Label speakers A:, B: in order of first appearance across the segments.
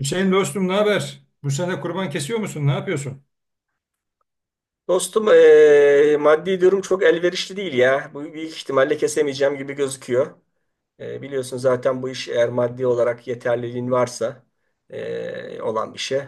A: Hüseyin dostum, ne haber? Bu sene kurban kesiyor musun? Ne yapıyorsun?
B: Dostum maddi durum çok elverişli değil ya. Bu büyük ihtimalle kesemeyeceğim gibi gözüküyor. Biliyorsun zaten bu iş eğer maddi olarak yeterliliğin varsa olan bir şey.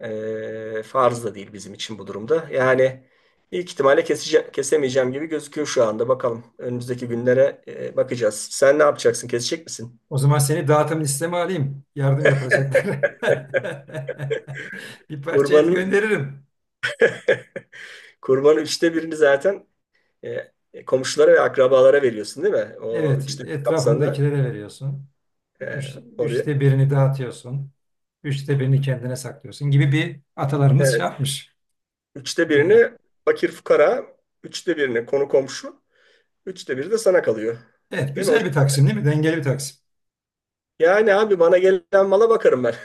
B: Farz da değil bizim için bu durumda. Yani büyük ihtimalle kesemeyeceğim gibi gözüküyor şu anda. Bakalım önümüzdeki günlere bakacağız. Sen ne yapacaksın? Kesecek misin?
A: O zaman seni dağıtım listeme alayım. Yardım yapılacaklara. Bir parça et
B: Kurbanın
A: gönderirim.
B: kurbanın üçte birini zaten eee, komşulara ve akrabalara veriyorsun değil mi? O
A: Evet,
B: üçte bir kapsamda.
A: etrafındakilere veriyorsun.
B: Ee,
A: Üç,
B: Oraya.
A: üçte birini dağıtıyorsun. Üçte birini kendine saklıyorsun gibi bir atalarımız şey
B: Evet.
A: yapmış.
B: Üçte
A: Ee,
B: birini fakir fukara, üçte birini konu komşu, üçte biri de sana kalıyor.
A: evet,
B: Değil mi? O-
A: güzel bir taksim değil mi? Dengeli bir taksim.
B: Yani abi bana gelen mala bakarım ben.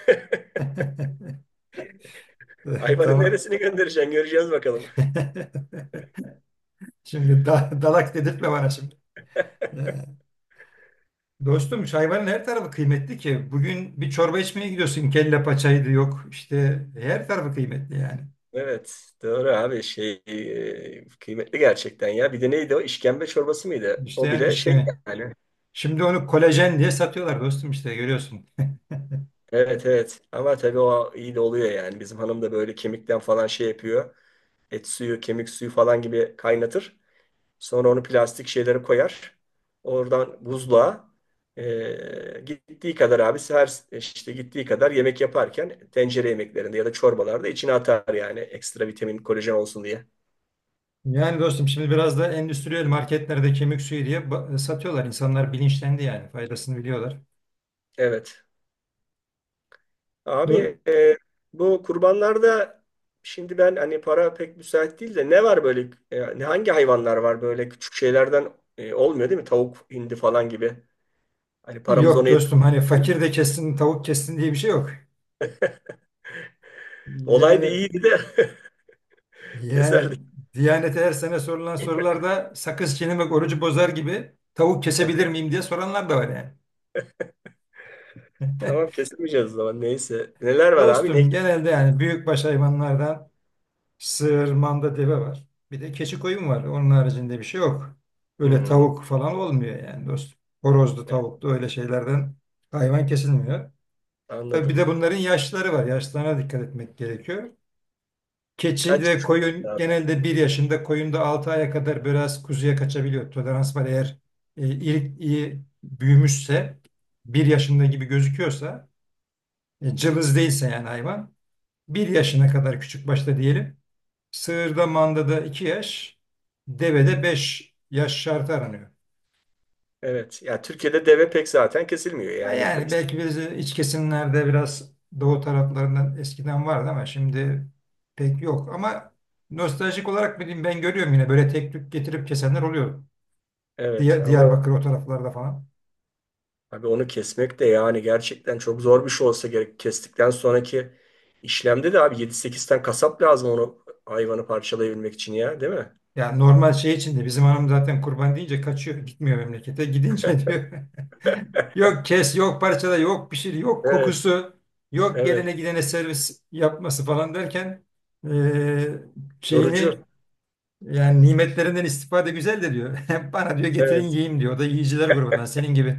B: Hayvanın
A: Tamam.
B: neresini göndereceksin göreceğiz bakalım.
A: Şimdi dalak dedirtme bana şimdi. Ee, Dostum, hayvanın her tarafı kıymetli ki. Bugün bir çorba içmeye gidiyorsun. Kelle paçaydı, yok. İşte her tarafı kıymetli yani.
B: Evet. Doğru abi şey kıymetli gerçekten ya. Bir de neydi o? İşkembe çorbası mıydı?
A: İşte
B: O
A: yani
B: bile şey
A: işkene.
B: yani.
A: Şimdi onu kolajen diye satıyorlar dostum, işte görüyorsun.
B: Evet, evet. Ama tabii o iyi de oluyor yani. Bizim hanım da böyle kemikten falan şey yapıyor. Et suyu, kemik suyu falan gibi kaynatır. Sonra onu plastik şeylere koyar. Oradan buzluğa gittiği kadar abi her işte gittiği kadar yemek yaparken tencere yemeklerinde ya da çorbalarda içine atar yani ekstra vitamin, kolajen olsun diye.
A: Yani dostum, şimdi biraz da endüstriyel marketlerde kemik suyu diye satıyorlar. İnsanlar bilinçlendi, yani faydasını biliyorlar.
B: Evet.
A: Do-
B: Abi bu kurbanlarda şimdi ben hani para pek müsait değil de ne var böyle ne hangi hayvanlar var böyle küçük şeylerden olmuyor değil mi? Tavuk, hindi falan gibi. Hani paramız
A: Yok
B: ona
A: dostum, hani fakir de kessin, tavuk kessin diye bir şey yok.
B: olaydı
A: Yani
B: iyiydi de
A: yani
B: keserdik.
A: Diyanete her sene sorulan sorularda sakız çiğnemek orucu bozar gibi tavuk kesebilir miyim diye soranlar da var yani.
B: Tamam kesemeyeceğiz o zaman. Neyse. Neler var abi? Ne?
A: Dostum genelde yani büyükbaş hayvanlardan sığır, manda, deve var. Bir de keçi, koyun var. Onun haricinde bir şey yok. Öyle
B: Hmm,
A: tavuk falan olmuyor yani dostum. Horozlu,
B: evet,
A: tavuklu öyle şeylerden hayvan kesilmiyor. Tabii bir de
B: anladım.
A: bunların yaşları var. Yaşlarına dikkat etmek gerekiyor. Keçi
B: Kaç
A: ve
B: yıl oldu
A: koyun
B: abi?
A: genelde 1 yaşında, koyun da 6 aya kadar biraz kuzuya kaçabiliyor. Tolerans var eğer ilik iyi büyümüşse, 1 yaşında gibi gözüküyorsa, cılız değilse, yani hayvan 1 yaşına kadar küçük başta diyelim. Sığırda, mandada 2 yaş, devede 5 yaş şartı aranıyor.
B: Evet. Ya Türkiye'de deve pek zaten kesilmiyor.
A: Ha
B: Yani
A: yani belki biz iç kesimlerde biraz doğu taraflarından eskiden vardı ama şimdi pek yok. Ama nostaljik olarak bileyim, ben görüyorum yine böyle tek tük getirip kesenler oluyor.
B: evet, ama
A: Diyarbakır o taraflarda falan.
B: abi onu kesmek de yani gerçekten çok zor bir şey olsa gerek. Kestikten sonraki işlemde de abi 7 8 tane kasap lazım onu hayvanı parçalayabilmek için ya, değil mi?
A: Yani normal şey içinde bizim hanım zaten kurban deyince kaçıyor, gitmiyor memlekete, gidince diyor. Yok kes, yok parçala, yok pişir, yok
B: Evet.
A: kokusu, yok
B: Evet.
A: gelene gidene servis yapması falan derken eee, şeyini,
B: Yorucu.
A: yani nimetlerinden istifade güzel de diyor. Bana diyor getirin
B: Evet.
A: yiyeyim diyor. O da yiyiciler grubundan senin gibi.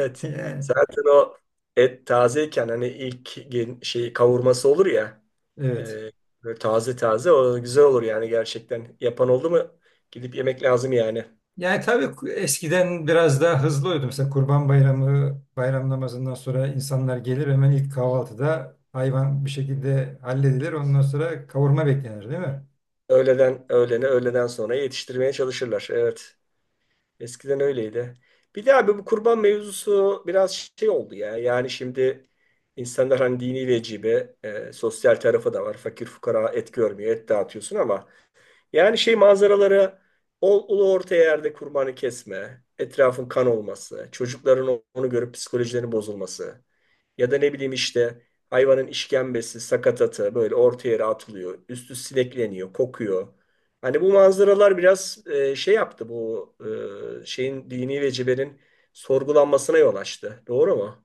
A: Yani,
B: Zaten o et tazeyken hani ilk şey kavurması olur ya.
A: evet.
B: e, Böyle taze taze o güzel olur yani gerçekten. Yapan oldu mu gidip yemek lazım yani.
A: Yani tabii eskiden biraz daha hızlı oluyordu. Mesela Kurban Bayramı, bayram namazından sonra insanlar gelir, hemen ilk kahvaltıda hayvan bir şekilde halledilir. Ondan sonra kavurma beklenir değil mi?
B: Öğleden öğlene öğleden sonra yetiştirmeye çalışırlar. Evet. Eskiden öyleydi. Bir de abi bu kurban mevzusu biraz şey oldu ya. Yani şimdi insanlar hani dini vecibe sosyal tarafı da var. Fakir fukara et görmüyor. Et dağıtıyorsun ama yani şey manzaralara ulu orta yerde kurbanı kesme, etrafın kan olması, çocukların onu görüp psikolojilerinin bozulması ya da ne bileyim işte hayvanın işkembesi, sakatatı böyle orta yere atılıyor, üstü sinekleniyor, kokuyor. Hani bu manzaralar biraz şey yaptı bu şeyin dini vecibenin sorgulanmasına yol açtı. Doğru mu?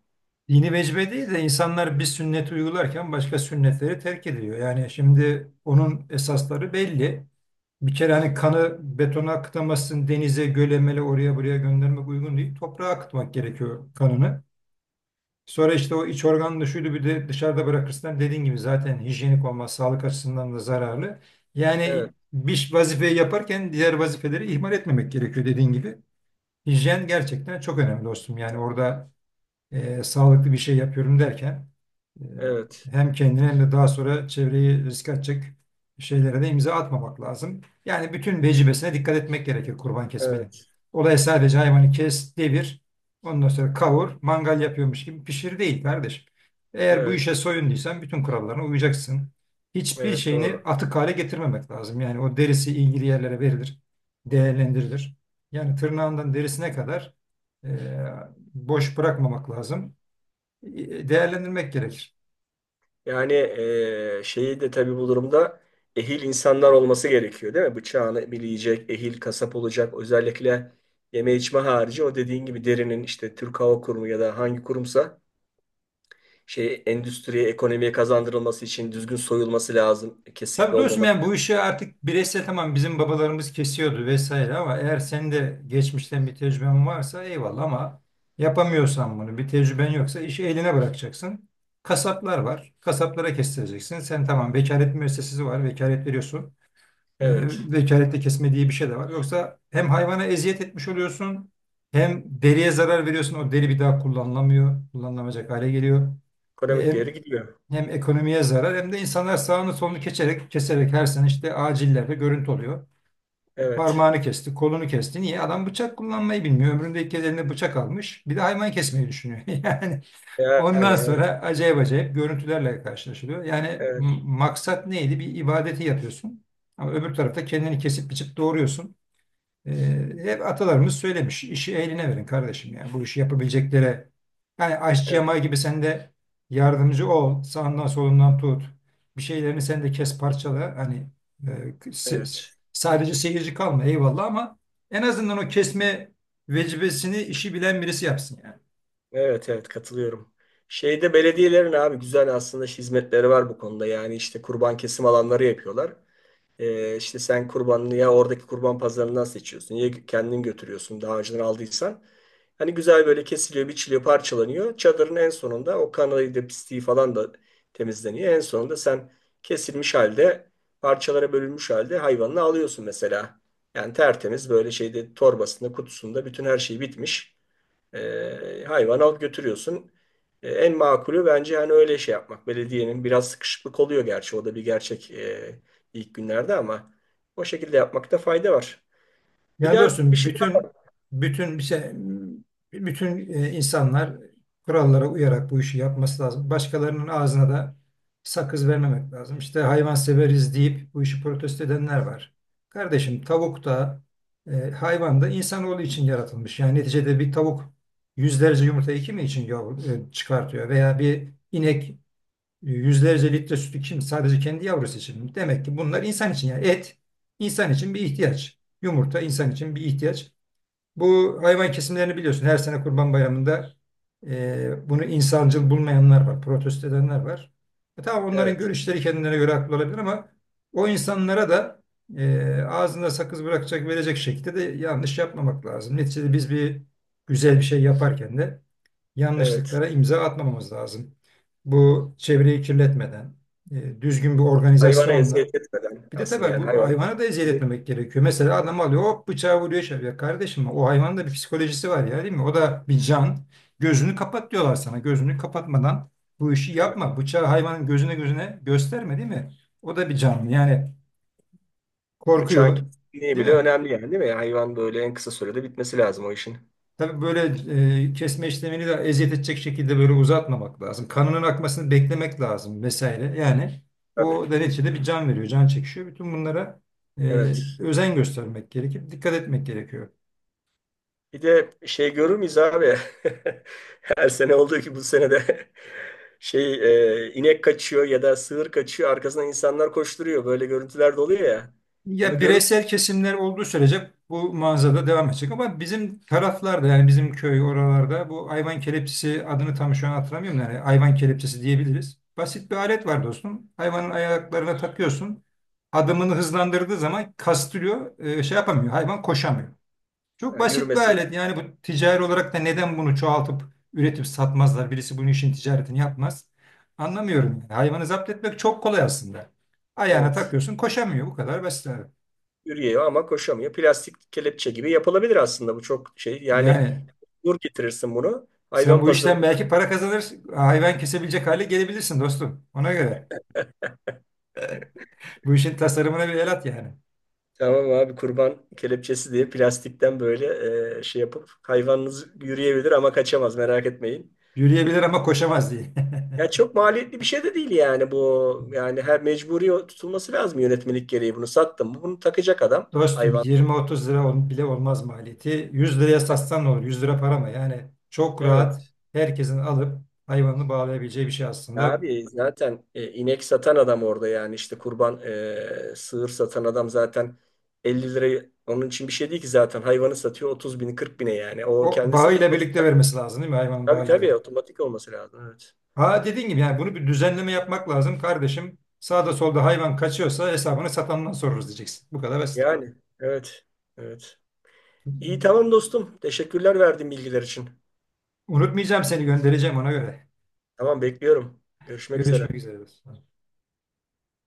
A: Dini vecibe değil de insanlar bir sünneti uygularken başka sünnetleri terk ediyor. Yani şimdi onun esasları belli. Bir kere hani kanı betona akıtamazsın, denize, göle, mele oraya buraya göndermek uygun değil. Toprağa akıtmak gerekiyor kanını. Sonra işte o iç organını şuydu, bir de dışarıda bırakırsan dediğin gibi zaten hijyenik olmaz, sağlık açısından da zararlı. Yani
B: Evet,
A: bir vazifeyi yaparken diğer vazifeleri ihmal etmemek gerekiyor, dediğin gibi. Hijyen gerçekten çok önemli dostum. Yani orada sağlıklı bir şey yapıyorum derken e,
B: evet,
A: hem kendini hem de daha sonra çevreyi riske atacak şeylere de imza atmamak lazım. Yani bütün vecibesine dikkat etmek gerekir kurban kesmenin.
B: evet,
A: Olay sadece hayvanı kes, devir, ondan sonra kavur, mangal yapıyormuş gibi pişir değil kardeşim. Eğer bu
B: evet,
A: işe soyunduysan bütün kurallarına uyacaksın. Hiçbir
B: evet
A: şeyini
B: doğru.
A: atık hale getirmemek lazım. Yani o derisi ilgili yerlere verilir, değerlendirilir. Yani tırnağından derisine kadar e, boş bırakmamak lazım. Değerlendirmek gerekir.
B: Yani şeyi de tabii bu durumda ehil insanlar olması gerekiyor değil mi? Bıçağını bileyecek, ehil kasap olacak. Özellikle yeme içme harici o dediğin gibi derinin işte Türk Hava Kurumu ya da hangi kurumsa şey endüstriye, ekonomiye kazandırılması için düzgün soyulması lazım. Kesikli
A: Tabii dostum,
B: olmaması.
A: yani bu işi artık bireysel, tamam bizim babalarımız kesiyordu vesaire ama eğer senin de geçmişten bir tecrüben varsa eyvallah ama yapamıyorsan bunu, bir tecrüben yoksa işi eline bırakacaksın. Kasaplar var. Kasaplara kestireceksin. Sen tamam, vekalet müessesesi var. Vekalet veriyorsun. E,
B: Evet.
A: vekalette kesme diye bir şey de var. Yoksa hem hayvana eziyet etmiş oluyorsun, hem deriye zarar veriyorsun. O deri bir daha kullanılamıyor. Kullanılamayacak hale geliyor. E,
B: Ekonomik
A: hem
B: değeri gidiyor.
A: Hem ekonomiye zarar, hem de insanlar sağını solunu keserek, keserek her sene işte acillerde görüntü oluyor.
B: Evet.
A: Parmağını kesti, kolunu kesti. Niye? Adam bıçak kullanmayı bilmiyor. Ömründe ilk kez eline bıçak almış. Bir de hayvan kesmeyi düşünüyor. Yani
B: Yani
A: ondan
B: evet.
A: sonra acayip acayip görüntülerle karşılaşılıyor. Yani
B: Evet.
A: maksat neydi? Bir ibadeti yapıyorsun. Ama öbür tarafta kendini kesip biçip doğuruyorsun. Hep atalarımız söylemiş. İşi eline verin kardeşim yani. Bu işi yapabileceklere, yani aşçı
B: Evet.
A: yamağı gibi sen de yardımcı ol. Sağından solundan tut. Bir şeylerini sen de kes, parçala. Hani e,
B: Evet.
A: sadece seyirci kalma eyvallah ama en azından o kesme vecibesini işi bilen birisi yapsın yani.
B: Evet. Evet. Katılıyorum. Şeyde belediyelerin abi güzel aslında hizmetleri var bu konuda. Yani işte kurban kesim alanları yapıyorlar. İşte sen kurbanını ya oradaki kurban pazarından seçiyorsun ya kendin götürüyorsun daha önceden aldıysan. Hani güzel böyle kesiliyor, biçiliyor, parçalanıyor. Çadırın en sonunda o kanayı da pisliği falan da temizleniyor. En sonunda sen kesilmiş halde, parçalara bölünmüş halde hayvanını alıyorsun mesela. Yani tertemiz böyle şeyde torbasında, kutusunda bütün her şey bitmiş. E, hayvanı alıp götürüyorsun. E, en makulü bence hani öyle şey yapmak. Belediyenin biraz sıkışıklık oluyor gerçi. O da bir gerçek ilk günlerde ama o şekilde yapmakta fayda var. Bir
A: Yani
B: daha bir
A: dostum,
B: şey daha.
A: bütün bütün bir şey bütün e, insanlar kurallara uyarak bu işi yapması lazım. Başkalarının ağzına da sakız vermemek lazım. İşte hayvan severiz deyip bu işi protesto edenler var. Kardeşim tavuk da hayvan da insanoğlu için yaratılmış. Yani neticede bir tavuk yüzlerce yumurta iki mi için yavru, çıkartıyor veya bir inek yüzlerce litre sütü kim sadece kendi yavrusu için, mi? Demek ki bunlar insan için, yani et insan için bir ihtiyaç. Yumurta insan için bir ihtiyaç. Bu hayvan kesimlerini biliyorsun. Her sene Kurban Bayramı'nda bunu insancıl bulmayanlar var, protesto edenler var. Tamam, onların
B: Evet.
A: görüşleri kendilerine göre haklı olabilir ama o insanlara da ağzında sakız bırakacak, verecek şekilde de yanlış yapmamak lazım. Neticede biz bir güzel bir şey yaparken de
B: Evet.
A: yanlışlıklara imza atmamamız lazım. Bu çevreyi kirletmeden, düzgün bir
B: Hayvana
A: organizasyonla,
B: eziyet etmeden
A: bir de
B: asıl
A: tabii
B: yani
A: bu
B: hayvana
A: hayvana da eziyet
B: eziyet
A: etmemek gerekiyor. Mesela
B: tabii,
A: adam alıyor, hop bıçağı vuruyor, şey yapıyor. Kardeşim o hayvanın da bir psikolojisi var ya değil mi? O da bir can. Gözünü kapat diyorlar sana. Gözünü kapatmadan bu işi
B: tabii.
A: yapma. Bıçağı hayvanın gözüne gözüne gösterme değil mi? O da bir canlı. Yani
B: Bıçağın
A: korkuyor
B: kesinliği
A: değil
B: bile
A: mi?
B: önemli yani değil mi? Yani hayvan böyle en kısa sürede bitmesi lazım o işin.
A: Tabii böyle kesme işlemini de eziyet edecek şekilde böyle uzatmamak lazım. Kanının akmasını beklemek lazım vesaire. Yani
B: Tabii.
A: o da neticede bir can veriyor, can çekişiyor. Bütün bunlara e,
B: Evet.
A: özen göstermek gerekir, dikkat etmek gerekiyor.
B: Bir de şey görür müyüz abi? Her sene olduğu ki bu sene de şey inek kaçıyor ya da sığır kaçıyor. Arkasından insanlar koşturuyor. Böyle görüntüler de oluyor ya. Bunu
A: Ya
B: görür
A: bireysel kesimler olduğu sürece bu manzara devam edecek ama bizim taraflarda, yani bizim köy oralarda bu hayvan kelepçesi, adını tam şu an hatırlamıyorum, yani hayvan kelepçesi diyebiliriz. Basit bir alet var dostum. Hayvanın ayaklarına takıyorsun. Adımını hızlandırdığı zaman kastırıyor, şey yapamıyor. Hayvan koşamıyor. Çok
B: yani
A: basit bir
B: yürümesi.
A: alet. Yani bu, ticari
B: Evet,
A: olarak da neden bunu çoğaltıp üretip satmazlar? Birisi bunun, işin ticaretini yapmaz. Anlamıyorum yani. Hayvanı zapt etmek çok kolay aslında. Ayağına
B: evet.
A: takıyorsun, koşamıyor. Bu kadar basit abi.
B: Yürüyor ama koşamıyor. Plastik kelepçe gibi yapılabilir aslında bu çok şey. Yani
A: Yani
B: nur getirirsin bunu.
A: sen
B: Hayvan
A: bu
B: pazarı
A: işten belki para kazanır, hayvan kesebilecek hale gelebilirsin dostum. Ona göre. Bu işin tasarımına bir el at yani.
B: tamam abi kurban kelepçesi diye plastikten böyle şey yapıp hayvanınız yürüyebilir ama kaçamaz merak etmeyin.
A: Yürüyebilir ama koşamaz diye.
B: Ya çok maliyetli bir şey de değil yani bu. Yani her mecburi tutulması lazım yönetmelik gereği. Bunu sattım mı bunu takacak adam.
A: Dostum
B: Hayvan.
A: 20-30 lira bile olmaz maliyeti. 100 liraya satsan ne olur? 100 lira para mı? Yani çok rahat
B: Evet.
A: herkesin alıp hayvanını bağlayabileceği bir şey aslında.
B: Abi zaten inek satan adam orada yani işte kurban sığır satan adam zaten 50 lirayı onun için bir şey değil ki zaten hayvanı satıyor 30 bin 40 bine yani. O
A: O
B: kendisi
A: bağıyla
B: otomatik.
A: birlikte vermesi lazım değil mi? Hayvanın
B: Tabii
A: bağıyla
B: tabii
A: birlikte.
B: otomatik olması lazım. Evet.
A: Ha, dediğin gibi yani bunu bir düzenleme yapmak lazım kardeşim. Sağda solda hayvan kaçıyorsa hesabını satandan sorarız diyeceksin. Bu kadar basit.
B: Yani evet. Evet. İyi tamam dostum. Teşekkürler verdiğin bilgiler için.
A: Unutmayacağım, seni göndereceğim ona göre.
B: Tamam bekliyorum. Görüşmek
A: Görüşmek
B: üzere.
A: üzere.